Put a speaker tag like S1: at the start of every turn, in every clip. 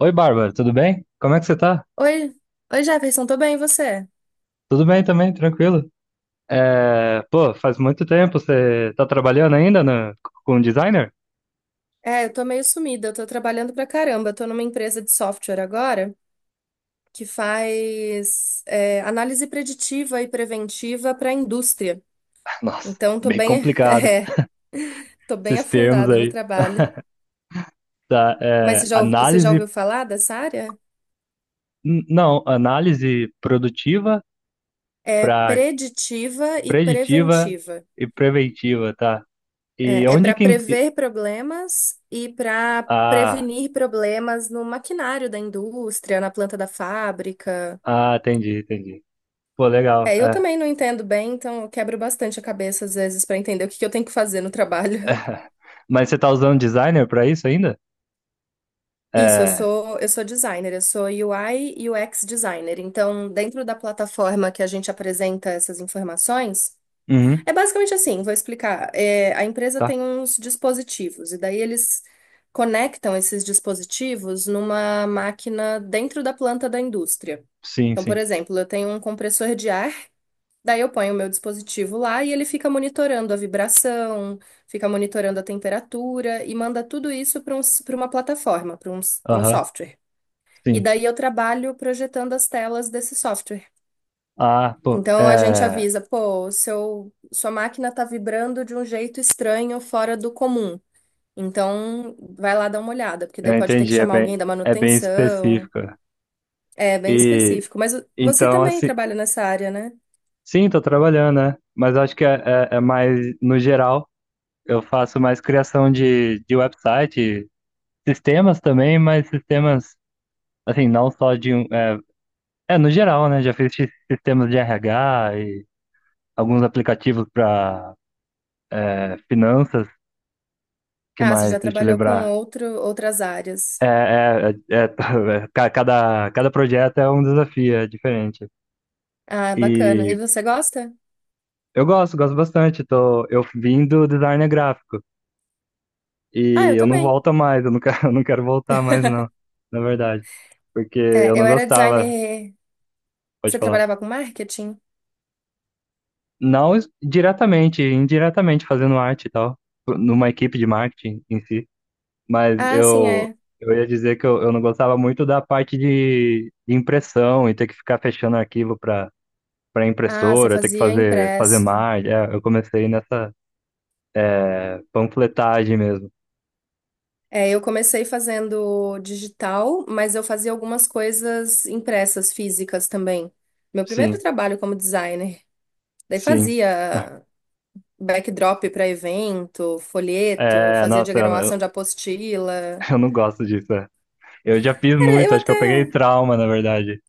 S1: Oi, Bárbara, tudo bem? Como é que você tá?
S2: Oi, Jefferson, tô bem, e você?
S1: Tudo bem também, tranquilo. Pô, faz muito tempo você tá trabalhando com designer?
S2: Eu tô meio sumida, eu tô trabalhando pra caramba. Eu tô numa empresa de software agora que faz análise preditiva e preventiva pra indústria.
S1: Nossa,
S2: Então, tô
S1: bem
S2: bem,
S1: complicado
S2: tô bem
S1: esses termos
S2: afundada no
S1: aí.
S2: trabalho.
S1: Tá,
S2: Mas
S1: é,
S2: você já
S1: análise,
S2: ouviu falar dessa área?
S1: não, análise produtiva
S2: É
S1: para
S2: preditiva e
S1: preditiva
S2: preventiva.
S1: e preventiva, tá? E
S2: É, é
S1: onde
S2: para
S1: que... en- e-
S2: prever problemas e para
S1: Ah,
S2: prevenir problemas no maquinário da indústria, na planta da fábrica.
S1: ah, entendi, entendi. Pô, legal,
S2: É, eu
S1: é.
S2: também não entendo bem, então eu quebro bastante a cabeça às vezes para entender o que que eu tenho que fazer no trabalho.
S1: Mas você tá usando designer para isso ainda?
S2: Isso,
S1: É,
S2: eu sou designer, eu sou UI e UX designer. Então, dentro da plataforma que a gente apresenta essas informações,
S1: uhum,
S2: é basicamente assim, vou explicar. A empresa
S1: tá,
S2: tem uns dispositivos e daí eles conectam esses dispositivos numa máquina dentro da planta da indústria.
S1: sim,
S2: Então, por
S1: sim,
S2: exemplo, eu tenho um compressor de ar. Daí eu ponho o meu dispositivo lá e ele fica monitorando a vibração, fica monitorando a temperatura e manda tudo isso para uma plataforma, para um
S1: aham,
S2: software. E
S1: sim.
S2: daí eu trabalho projetando as telas desse software.
S1: Ah, pô,
S2: Então a gente avisa, pô, sua máquina está vibrando de um jeito estranho, fora do comum. Então vai lá dar uma olhada, porque
S1: eu
S2: daí pode ter que
S1: entendi,
S2: chamar alguém da
S1: é bem
S2: manutenção.
S1: específico.
S2: É bem
S1: E
S2: específico. Mas você
S1: então,
S2: também
S1: assim,
S2: trabalha nessa área, né?
S1: sim, tô trabalhando, né? Mas é, é mais no geral. Eu faço mais criação de website, sistemas também, mas sistemas, assim, não só de um. É, no geral, né? Já fiz sistemas de RH e alguns aplicativos para finanças, que
S2: Ah, você já
S1: mais? Deixa eu
S2: trabalhou com
S1: lembrar.
S2: outras áreas.
S1: Cada projeto é um desafio, é diferente.
S2: Ah, bacana. E
S1: E
S2: você gosta?
S1: eu gosto, gosto bastante. Eu vim do design gráfico
S2: Ah,
S1: e
S2: eu
S1: eu não
S2: também.
S1: volto mais, eu não quero, eu não quero voltar mais, não, na verdade. Porque eu
S2: É,
S1: não
S2: eu era
S1: gostava,
S2: designer.
S1: pode
S2: Você
S1: falar.
S2: trabalhava com marketing?
S1: Não diretamente, indiretamente fazendo arte e tal, numa equipe de marketing em si. Mas
S2: Ah, sim,
S1: eu,
S2: é.
S1: eu ia dizer que eu não gostava muito da parte de impressão e ter que ficar fechando arquivo para
S2: Ah, você
S1: impressora, ter que
S2: fazia
S1: fazer, fazer
S2: impresso.
S1: mais. É, eu comecei nessa panfletagem mesmo.
S2: É, eu comecei fazendo digital, mas eu fazia algumas coisas impressas, físicas também. Meu primeiro
S1: Sim,
S2: trabalho como designer. Daí
S1: sim.
S2: fazia backdrop para evento, folheto,
S1: É,
S2: fazia
S1: nossa, eu
S2: diagramação de apostila.
S1: eu não gosto disso, é. Eu já fiz
S2: Cara, eu
S1: muito, acho que eu
S2: até
S1: peguei trauma, na verdade.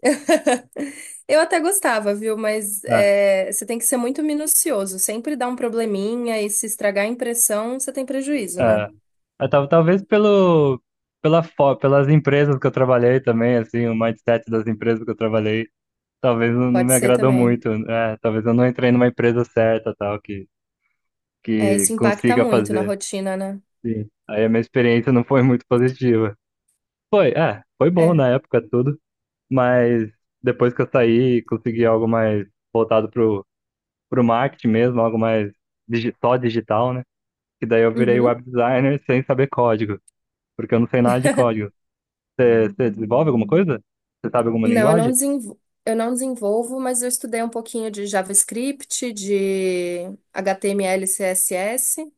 S2: Eu até gostava, viu? Mas
S1: É,
S2: é, você tem que ser muito minucioso. Sempre dá um probleminha e se estragar a impressão, você tem prejuízo, né?
S1: é. Talvez pelo, pelas empresas que eu trabalhei também, assim, o mindset das empresas que eu trabalhei, talvez não
S2: Pode
S1: me
S2: ser
S1: agradou
S2: também.
S1: muito. É, talvez eu não entrei numa empresa certa, tal,
S2: É, isso
S1: que
S2: impacta
S1: consiga
S2: muito na
S1: fazer.
S2: rotina, né?
S1: Sim. Aí a minha experiência não foi muito positiva. Foi, é, foi bom
S2: É.
S1: na época tudo, mas depois que eu saí, consegui algo mais voltado pro marketing mesmo, algo mais só digital, né? Que daí eu virei
S2: Uhum.
S1: web designer sem saber código, porque eu não sei nada de código. Você desenvolve alguma coisa? Você sabe alguma
S2: Não,
S1: linguagem?
S2: eu não desenvolvo, mas eu estudei um pouquinho de JavaScript, de HTML, CSS.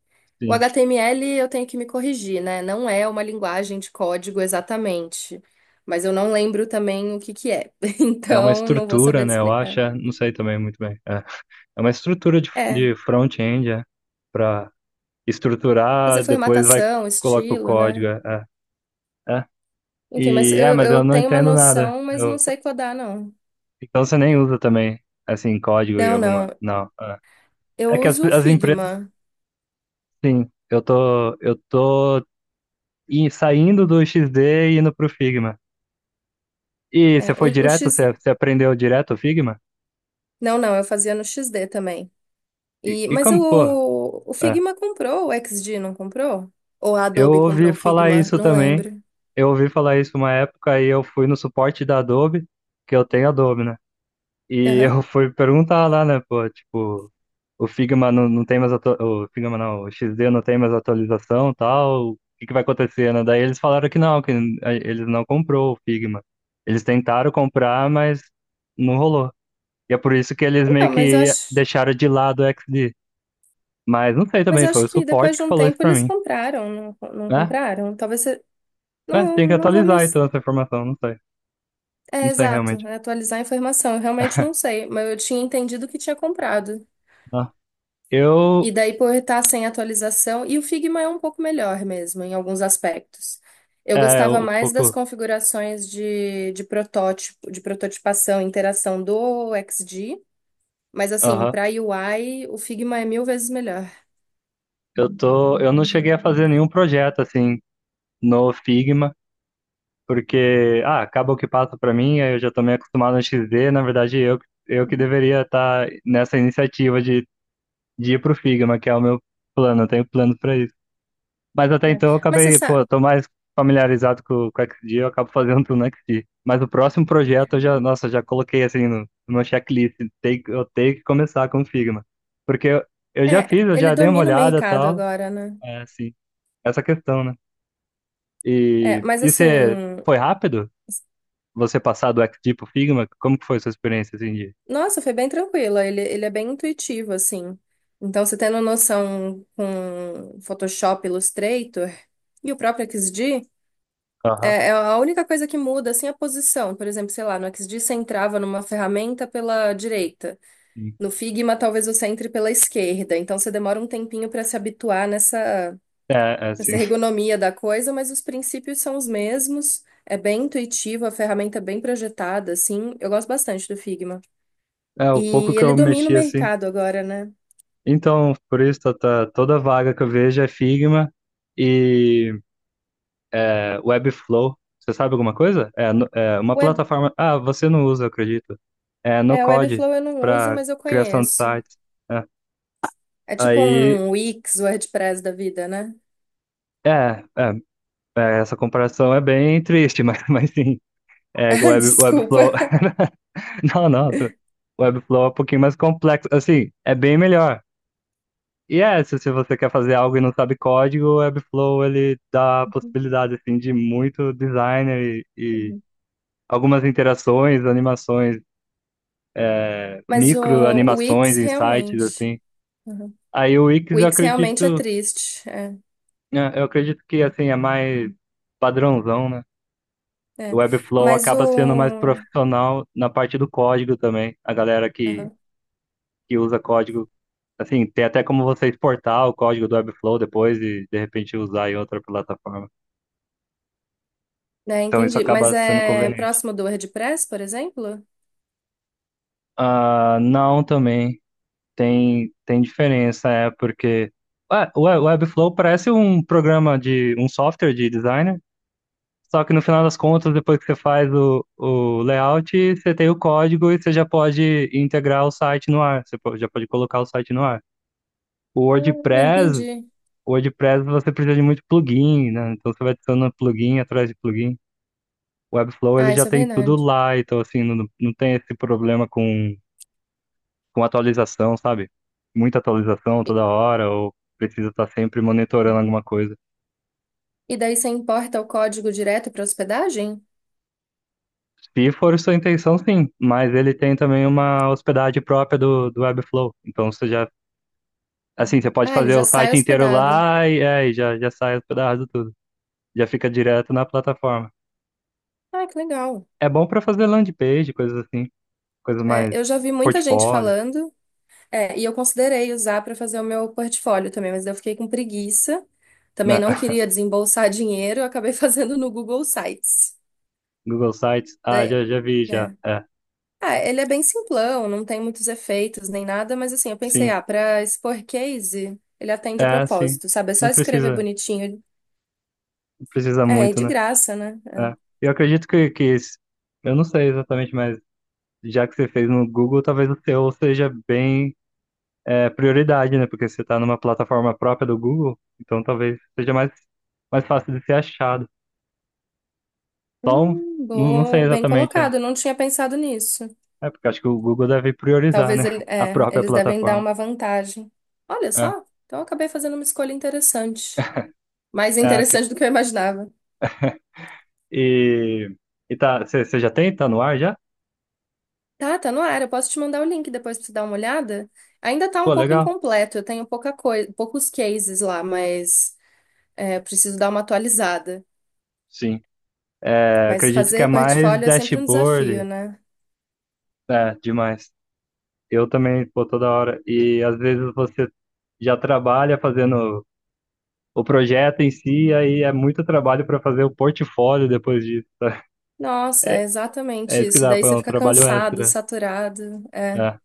S2: O
S1: Sim.
S2: HTML eu tenho que me corrigir, né? Não é uma linguagem de código exatamente, mas eu não lembro também o que que é.
S1: É uma
S2: Então, não vou saber
S1: estrutura,
S2: te
S1: né? Eu acho,
S2: explicar.
S1: é, não sei também muito bem. É, é uma estrutura
S2: É.
S1: de front-end, é, para
S2: Fazer
S1: estruturar, depois vai
S2: formatação,
S1: coloca o
S2: estilo,
S1: código,
S2: né?
S1: é, é, é.
S2: Enfim,
S1: Mas eu
S2: eu
S1: não
S2: tenho uma
S1: entendo nada.
S2: noção, mas não sei codar, não.
S1: Então você nem usa também, assim, código e
S2: Não, não.
S1: alguma. Não. É, é
S2: Eu
S1: que
S2: uso o
S1: as empresas.
S2: Figma.
S1: Sim, eu tô saindo do XD e indo pro Figma. E você foi
S2: O
S1: direto?
S2: X...
S1: Você aprendeu direto o Figma?
S2: Não, não, eu fazia no X D também.
S1: E,
S2: E,
S1: e
S2: mas
S1: como, pô,
S2: o
S1: é,
S2: Figma comprou, o X D não comprou? Ou a
S1: eu
S2: Adobe
S1: ouvi
S2: comprou o
S1: falar
S2: Figma?
S1: isso
S2: Não
S1: também.
S2: lembro.
S1: Eu ouvi falar isso uma época e eu fui no suporte da Adobe, que eu tenho Adobe, né? E
S2: Aham.
S1: eu fui perguntar lá, né, pô, tipo, o Figma não, o XD não tem mais atualização, e tal, o que que vai acontecer, né? Daí eles falaram que não, que eles não comprou o Figma. Eles tentaram comprar, mas não rolou. E é por isso que eles meio
S2: Então,
S1: que deixaram de lado o XD. Mas não sei
S2: mas
S1: também,
S2: eu
S1: foi
S2: acho
S1: o
S2: que depois
S1: suporte
S2: de
S1: que
S2: um
S1: falou isso
S2: tempo
S1: pra
S2: eles
S1: mim,
S2: compraram, não
S1: né?
S2: compraram? Talvez você...
S1: É,
S2: Não,
S1: tem que
S2: não vou me...
S1: atualizar então essa informação, não sei,
S2: É,
S1: não sei
S2: exato,
S1: realmente.
S2: é atualizar a informação. Eu realmente não sei, mas eu tinha entendido que tinha comprado.
S1: Ah,
S2: E
S1: eu,
S2: daí por estar sem atualização, e o Figma é um pouco melhor mesmo, em alguns aspectos. Eu
S1: é,
S2: gostava
S1: um
S2: mais das
S1: pouco,
S2: configurações de protótipo, de prototipação, interação do XD, mas assim, para UI, o Figma é mil vezes melhor.
S1: Eu não cheguei a fazer nenhum projeto assim no Figma, porque ah, acaba o que passa para mim, aí eu já tô meio acostumado no XD, na verdade eu que
S2: Uhum.
S1: deveria estar nessa iniciativa de ir pro Figma, que é o meu plano, eu tenho plano para isso. Mas até
S2: Né?
S1: então eu
S2: Mas você
S1: acabei, pô,
S2: sabe,
S1: eu tô mais familiarizado com o XD, eu acabo fazendo tudo no XD. Mas o próximo projeto eu já, nossa, já coloquei assim no meu checklist, tem, eu tenho que começar com o Figma, porque eu já fiz, eu
S2: ele
S1: já dei uma
S2: domina o
S1: olhada e
S2: mercado
S1: tal,
S2: agora, né?
S1: é assim, essa questão, né?
S2: É, mas
S1: E você
S2: assim,
S1: foi rápido? Você passar do XG pro Figma? Como que foi sua experiência assim de.
S2: nossa, foi bem tranquila, ele é bem intuitivo, assim. Então, você tendo noção com Photoshop, Illustrator e o próprio XD,
S1: Aham,
S2: é, é a única coisa que muda, assim, a posição. Por exemplo, sei lá, no XD você entrava numa ferramenta pela direita.
S1: sim.
S2: No Figma, talvez você entre pela esquerda. Então, você demora um tempinho para se habituar
S1: É, é assim.
S2: nessa ergonomia da coisa, mas os princípios são os mesmos. É bem intuitivo, a ferramenta é bem projetada, assim. Eu gosto bastante do Figma.
S1: É, o pouco
S2: E
S1: que
S2: ele
S1: eu
S2: domina o
S1: mexi assim.
S2: mercado agora, né?
S1: Então, por isso, toda vaga que eu vejo é Figma e é, Webflow. Você sabe alguma coisa? É, é uma
S2: Web,
S1: plataforma. Ah, você não usa, eu acredito. É no
S2: é, o
S1: Code
S2: Webflow eu não uso,
S1: para
S2: mas eu
S1: criação de
S2: conheço.
S1: sites. É.
S2: É tipo
S1: Aí,
S2: um Wix, WordPress da vida, né?
S1: é, é, é, essa comparação é bem triste, mas sim. É, que o Webflow.
S2: Desculpa.
S1: Não, não, Webflow é um pouquinho mais complexo. Assim, é bem melhor. Se você quer fazer algo e não sabe código, o Webflow ele dá a possibilidade assim, de muito designer e algumas interações, animações,
S2: Mas o
S1: micro
S2: o
S1: animações,
S2: Wix
S1: insights,
S2: realmente.
S1: assim.
S2: Uhum.
S1: Aí o Wix
S2: O
S1: eu
S2: Wix realmente é
S1: acredito,
S2: triste. É,
S1: né, eu acredito que assim, é mais padrãozão, né? O
S2: é.
S1: Webflow
S2: Mas
S1: acaba sendo mais
S2: o.
S1: profissional na parte do código também. A galera
S2: Uhum.
S1: que usa código. Assim, tem até como você exportar o código do Webflow depois e de repente usar em outra plataforma.
S2: É,
S1: Então isso
S2: entendi. Mas
S1: acaba sendo
S2: é
S1: conveniente.
S2: próximo do WordPress, por exemplo?
S1: Ah, não, também tem, tem diferença, é porque ah, o Webflow parece um programa de um software de designer, só que no final das contas, depois que você faz o layout, você tem o código e você já pode integrar o site no ar, já pode colocar o site no ar. O
S2: Ah,
S1: WordPress
S2: entendi.
S1: O WordPress você precisa de muito plugin, né? Então você vai adicionando plugin atrás de plugin. O Webflow ele
S2: Ah,
S1: já
S2: isso é
S1: tem tudo
S2: verdade.
S1: lá, então assim, não, não tem esse problema com atualização, sabe? Muita atualização
S2: E
S1: toda hora, ou precisa estar sempre monitorando alguma coisa.
S2: e daí você importa o código direto para hospedagem?
S1: Se for sua intenção, sim, mas ele tem também uma hospedagem própria do Webflow. Então você já, assim, você pode
S2: Ah, ele
S1: fazer
S2: já
S1: o
S2: sai
S1: site inteiro
S2: hospedado.
S1: lá e aí já, já sai hospedado tudo. Já fica direto na plataforma.
S2: Ah, que legal.
S1: É bom para fazer landing page, coisas assim, coisas
S2: É,
S1: mais
S2: eu já vi muita gente
S1: portfólio,
S2: falando. É, e eu considerei usar para fazer o meu portfólio também, mas eu fiquei com preguiça. Também
S1: né?
S2: não queria desembolsar dinheiro, eu acabei fazendo no Google Sites.
S1: Google Sites. Ah,
S2: Daí,
S1: já, já vi, já.
S2: né?
S1: É,
S2: Ah, ele é bem simplão, não tem muitos efeitos nem nada, mas assim, eu pensei,
S1: sim.
S2: ah, para expor case, ele atende o
S1: É, sim.
S2: propósito, sabe? É só
S1: Não
S2: escrever
S1: precisa,
S2: bonitinho.
S1: não precisa
S2: É, e
S1: muito,
S2: de
S1: né?
S2: graça, né?
S1: É.
S2: É.
S1: Eu acredito que, eu não sei exatamente, mas já que você fez no Google, talvez o seu seja bem, é, prioridade, né? Porque você está numa plataforma própria do Google, então talvez seja mais, mais fácil de ser achado. Só um, não, não sei
S2: Bom, bem
S1: exatamente, é.
S2: colocado, eu não tinha pensado nisso.
S1: É, porque acho que o Google deve priorizar, né?
S2: Talvez ele,
S1: A
S2: é,
S1: própria
S2: eles devem dar
S1: plataforma.
S2: uma vantagem. Olha
S1: É,
S2: só, então eu acabei fazendo uma escolha interessante. Mais
S1: é.
S2: interessante do que eu imaginava.
S1: E, e tá, você já tem? Tá no ar já?
S2: Tá, tá no ar. Eu posso te mandar o link depois pra você dar uma olhada. Ainda tá um
S1: Pô,
S2: pouco
S1: legal.
S2: incompleto. Eu tenho pouca coisa, poucos cases lá, mas é, eu preciso dar uma atualizada.
S1: Sim. É,
S2: Mas
S1: acredito que é
S2: fazer
S1: mais
S2: portfólio é sempre um desafio,
S1: dashboard,
S2: né?
S1: é, demais. Eu também, pô, toda hora. E às vezes você já trabalha fazendo o projeto em si, aí é muito trabalho para fazer o portfólio depois disso.
S2: Nossa, é
S1: É
S2: exatamente
S1: isso que
S2: isso.
S1: dá,
S2: Daí
S1: pô, é
S2: você
S1: um
S2: fica
S1: trabalho
S2: cansado,
S1: extra.
S2: saturado. É.
S1: É,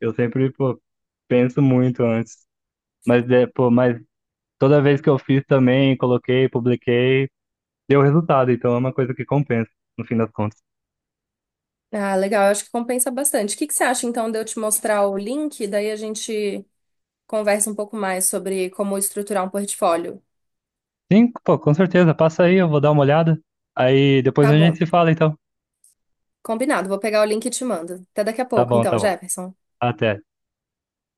S1: eu sempre, pô, penso muito antes. Mas, é, pô, mas toda vez que eu fiz também, coloquei, publiquei, deu resultado. Então é uma coisa que compensa, no fim das contas.
S2: Ah, legal. Eu acho que compensa bastante. O que que você acha, então, de eu te mostrar o link? Daí a gente conversa um pouco mais sobre como estruturar um portfólio.
S1: Sim, pô, com certeza. Passa aí, eu vou dar uma olhada. Aí depois
S2: Tá
S1: a
S2: bom.
S1: gente se fala, então.
S2: Combinado, vou pegar o link e te mando. Até daqui a
S1: Tá
S2: pouco,
S1: bom, tá
S2: então,
S1: bom.
S2: Jefferson.
S1: Até.